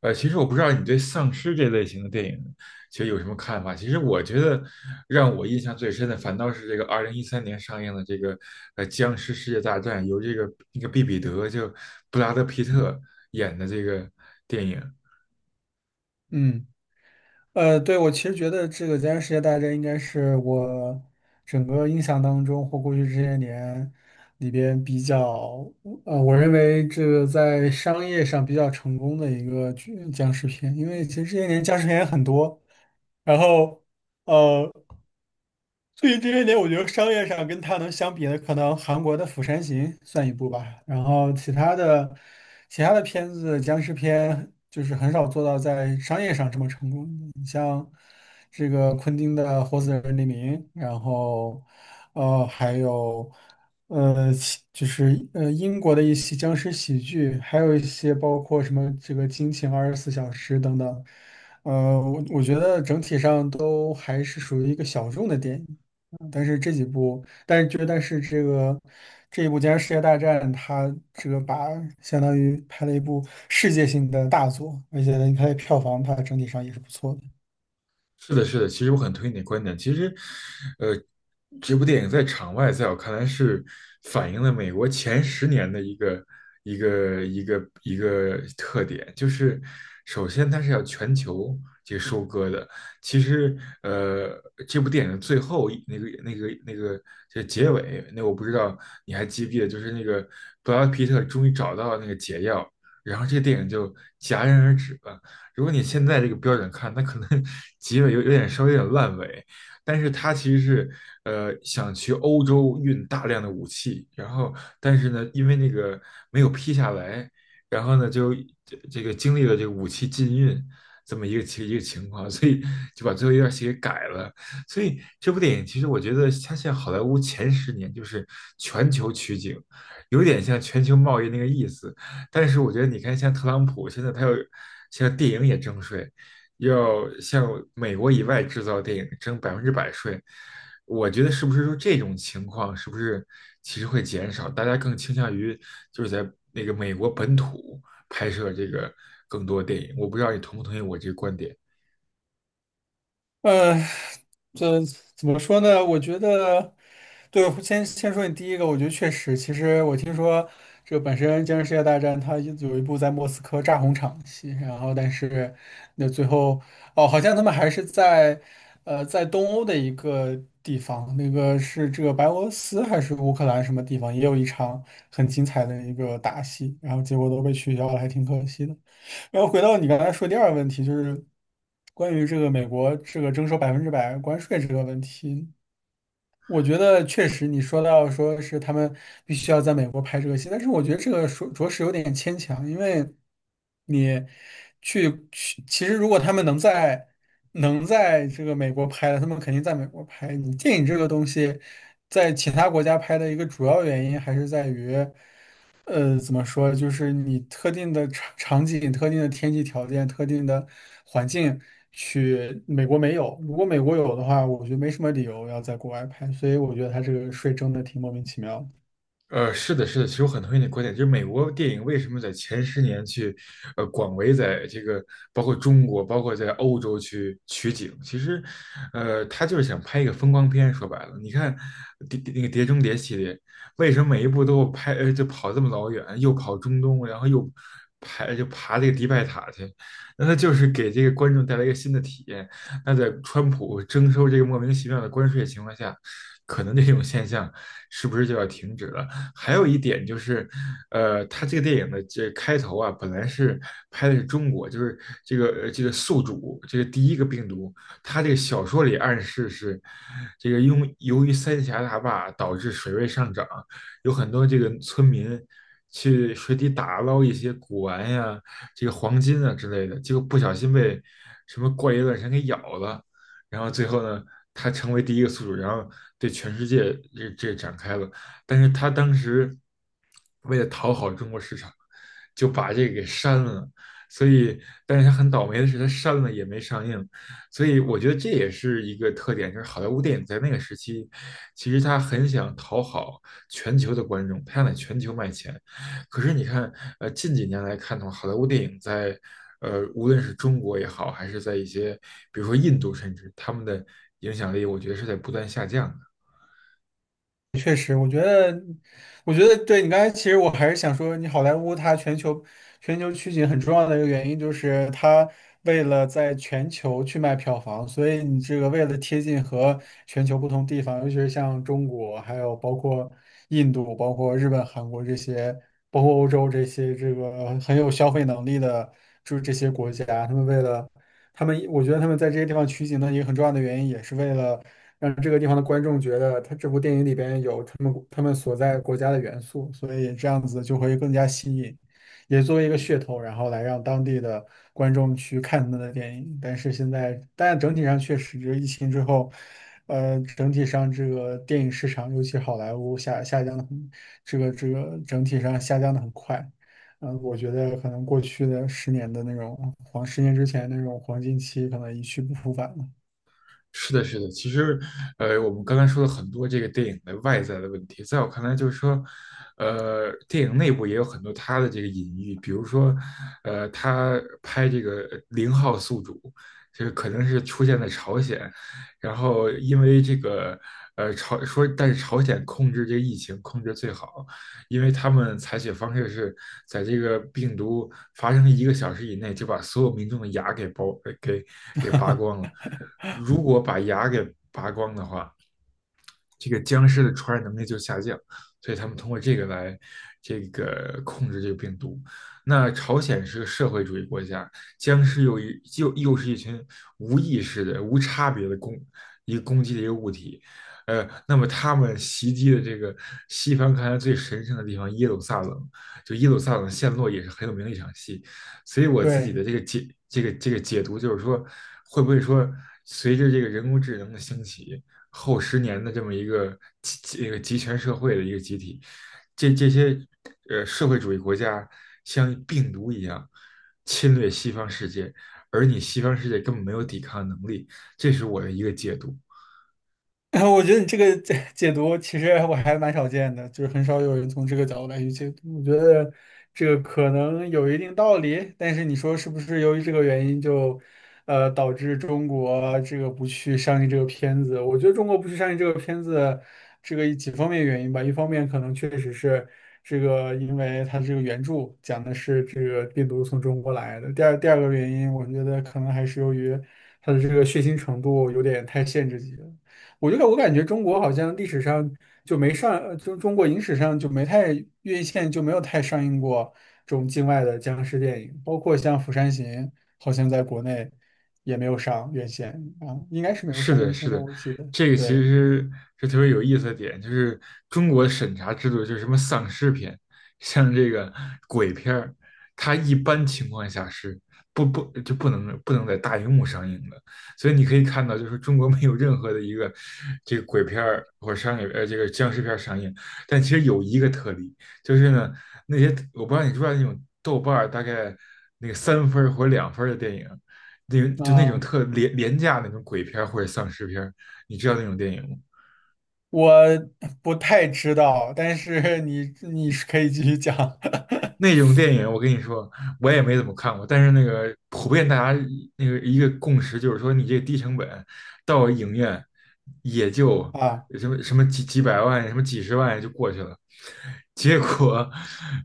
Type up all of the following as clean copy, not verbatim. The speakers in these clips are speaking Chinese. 其实我不知道你对丧尸这类型的电影，其实有什么看法？其实我觉得让我印象最深的，反倒是这个2013年上映的这个《僵尸世界大战》，由毕彼得就布拉德皮特演的这个电影。嗯，对，我其实觉得这个《僵尸世界大战》应该是我整个印象当中或过去这些年里边我认为这个在商业上比较成功的一个剧僵尸片，因为其实这些年僵尸片也很多，然后。呃。最近这些年，我觉得商业上跟他能相比的，可能韩国的《釜山行》算一部吧。其他的片子，僵尸片就是很少做到在商业上这么成功的，你像这个昆汀的《活死人黎明》，然后呃，还有呃，其就是呃英国的一些僵尸喜剧，还有一些包括什么这个《惊情二十四小时》等等。我觉得整体上都还是属于一个小众的电影。嗯但是这几部，但是就但是这个这一部《僵尸世界大战》，它这个把相当于拍了一部世界性的大作，而且呢，看的票房它整体上也是不错的。是的，是的，其实我很同意你的观点。其实，呃，这部电影在场外，在我看来是反映了美国前十年的一个特点，就是首先它是要全球去收割的。其实，呃，这部电影的最后一那个那个那个这结尾，那我不知道你还记不记得，就是那个布拉德皮特终于找到那个解药，然后这个电影就戛然而止了。如果你现在这个标准看，那可能 结尾有点稍微有点烂尾，但是他其实是想去欧洲运大量的武器，然后但是呢，因为那个没有批下来，然后呢就这个经历了这个武器禁运这么一个情况，所以就把最后一段戏给改了。所以这部电影其实我觉得它现在好莱坞前十年就是全球取景，有点像全球贸易那个意思，但是我觉得你看，像特朗普现在他又像电影也征税，要向美国以外制造电影征100%税，我觉得是不是说这种情况是不是其实会减少，大家更倾向于就是在那个美国本土拍摄这个更多电影？我不知道你同不同意我这个观点。呃，这怎么说呢？我觉得，对，先说你第一个，我觉得确实，其实我听说这本身《今日世界大战》它有一部在莫斯科炸红场的戏，然后但是那最后哦，好像他们还是在在东欧的一个地方，那个是这个白俄罗斯还是乌克兰什么地方，也有一场很精彩的一个打戏，然后结果都被取消了，还挺可惜的。然后回到你刚才说第二个问题，就是关于这个美国这个征收百分之百关税这个问题，我觉得确实你说到说是他们必须要在美国拍这个戏，但是我觉得这个说着实有点牵强，因为你，其实如果他们能在这个美国拍的，他们肯定在美国拍。你电影这个东西在其他国家拍的一个主要原因还是在于。怎么说？就是你特定的场景、特定的天气条件、特定的环境去美国没有。如果美国有的话，我觉得没什么理由要在国外拍，所以我觉得他这个税征的挺莫名其妙的。是的，是的，其实我很同意你的观点，就是美国电影为什么在前十年去，广为在这个包括中国，包括在欧洲去取景，其实，他就是想拍一个风光片。说白了，你看那个《碟中谍》系列，为什么每一部都拍，就跑这么老远，又跑中东，然后又就爬这个迪拜塔去？那他就是给这个观众带来一个新的体验。那在川普征收这个莫名其妙的关税的情况下，可能这种现象是不是就要停止了？还有一点就是，他这个电影的这开头啊，本来是拍的是中国，就是这个宿主，这个第一个病毒，他这个小说里暗示是，这个因为由于三峡大坝导致水位上涨，有很多这个村民去水底打捞一些古玩呀、这个黄金啊之类的，结果不小心被什么怪异乱神给咬了，然后最后呢，他成为第一个宿主，然后对全世界展开了。但是他当时为了讨好中国市场，就把这个给删了。所以，但是他很倒霉的是，他删了也没上映。所以，我觉得这也是一个特点，就是好莱坞电影在那个时期，其实他很想讨好全球的观众，他想在全球卖钱。可是你看，近几年来看的话，好莱坞电影在，无论是中国也好，还是在一些，比如说印度，甚至他们的影响力，我觉得是在不断下降的。我觉得对你刚才，其实我还是想说，你好莱坞它全球取景很重要的一个原因，就是它为了在全球去卖票房，所以你这个为了贴近和全球不同地方，尤其是像中国，还有包括印度、包括日本、韩国这些，包括欧洲这些这个很有消费能力的，就是这些国家，他们，我觉得他们在这些地方取景的一个很重要的原因，也是为了。让这个地方的观众觉得他这部电影里边有他们所在国家的元素，所以这样子就会更加吸引，也作为一个噱头，然后来让当地的观众去看他们的电影。但是现在，但整体上确实，这个疫情之后，整体上这个电影市场，尤其好莱坞下降的很，这个整体上下降的很快。我觉得可能过去的十年的那种黄，十年之前那种黄金期，可能一去不复返了。是的，是的，其实，我们刚才说了很多这个电影的外在的问题，在我看来，就是说，电影内部也有很多它的这个隐喻，比如说，他拍这个零号宿主，就是可能是出现在朝鲜，然后因为这个，但是朝鲜控制这个疫情控制最好，因为他们采取方式是在这个病毒发生1个小时以内就把所有民众的牙给剥给给拔光了。如果把牙给拔光的话，这个僵尸的传染能力就下降，所以他们通过这个来这个控制这个病毒。那朝鲜是个社会主义国家，僵尸又是一群无意识的、无差别的攻击的一个物体，那么他们袭击的这个西方看来最神圣的地方耶路撒冷，就耶路撒冷陷落也是很有名的一场戏，所以我自己对，的这个解这个这个解读就是说，会不会说随着这个人工智能的兴起，后十年的这么一个集权社会的一个集体，这些社会主义国家像病毒一样侵略西方世界，而你西方世界根本没有抵抗能力，这是我的一个解读。我觉得你这个解读其实我还蛮少见的，就是很少有人从这个角度来去解读。我觉得这个可能有一定道理，但是你说是不是由于这个原因导致中国这个不去上映这个片子？我觉得中国不去上映这个片子，这个几方面原因吧。一方面可能确实是这个，因为它这个原著讲的是这个病毒从中国来的。第二个原因，我觉得可能还是由于它的这个血腥程度有点太限制级了。我觉得我感觉中国好像历史上就没上，呃就中国影史上就没太院线就没有太上映过这种境外的僵尸电影，包括像《釜山行》，好像在国内也没有上院线啊，应该是没有是上的，院是线吧，的，我记得。这个其对，实是特别有意思的点，就是中国的审查制度，就是什么丧尸片，像这个鬼片儿，它一般情况下是不能在大荧幕上映的，所以你可以看到，就是中国没有任何的一个这个鬼片儿或者商业这个僵尸片儿上映，但其实有一个特例，就是呢那些我不知道你知不知道那种豆瓣儿大概那个3分儿或者2分儿的电影。那就那种啊，特廉价那种鬼片或者丧尸片你知道那种电影吗？我不太知道，但是你是可以继续讲 那种电影，我跟你说，我也没怎么看过。但是那个普遍大家那个一个共识就是说，你这个低成本到影院也就啊，什么什么几百万、什么几十万就过去了。结果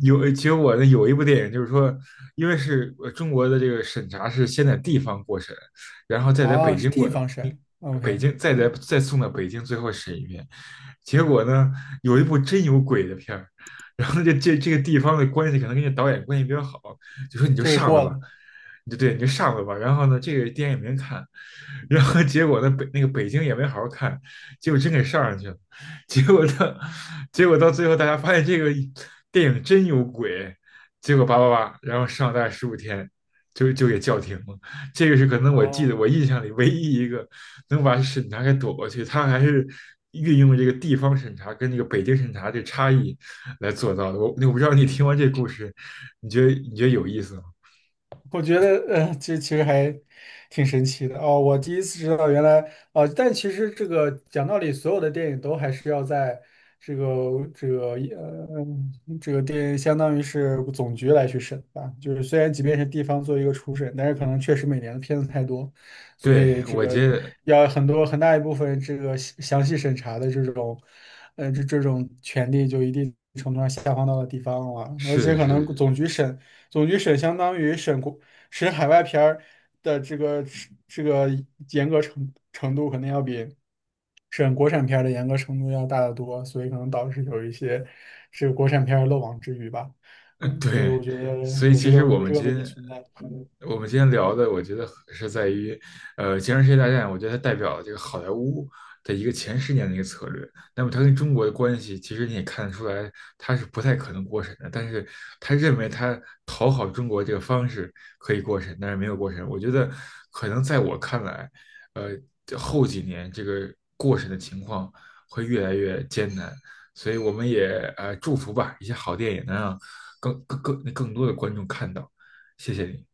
有结果呢，有一部电影就是说，因为是中国的这个审查是先在地方过审，然后再在北哦，是京过，地方嗯神，OK，北京再在嗯，再送到北京最后审一遍。结果呢，有一部真有鬼的片儿。然后这个地方的关系可能跟这导演关系比较好，就说你就就给上了过吧，了。你就对你就上了吧。然后呢，这个电影也没人看，然后结果呢北那个北京也没好好看，结果真给上上去了，结果到结果到最后大家发现这个电影真有鬼，结果叭叭叭，然后上大概15天。就给叫停了，这个是可能我记得哦。我印象里唯一一个能把审查给躲过去，他还是运用了这个地方审查跟这个北京审查这差异来做到的。我不知道你听完这故事，你觉得有意思吗？我觉得，这其实还挺神奇的哦。我第一次知道，原来哦，但其实这个讲道理，所有的电影都还是要在这个这个呃这个电，相当于是总局来去审吧。就是虽然即便是地方做一个初审，但是可能确实每年的片子太多，所对，以这我个觉得要很大一部分这个详细审查的这种，这这种权利就一定程度上下放到了地方了，而是且的可能是的 总局审。总局审相当于审国使海外片儿的这个严格程度肯定要比审国产片儿的严格程度要大得多，所以可能导致有一些这个国产片儿漏网之鱼吧。嗯，对，对，我觉得所以其实我有们这个今问题天存在。我们今天聊的，我觉得是在于，《金融世界大战》，我觉得它代表了这个好莱坞的一个前十年的一个策略。那么它跟中国的关系，其实你也看得出来，它是不太可能过审的。但是他认为他讨好中国这个方式可以过审，但是没有过审。我觉得可能在我看来，呃，后几年这个过审的情况会越来越艰难。所以我们也祝福吧，一些好电影能让更多的观众看到。谢谢你。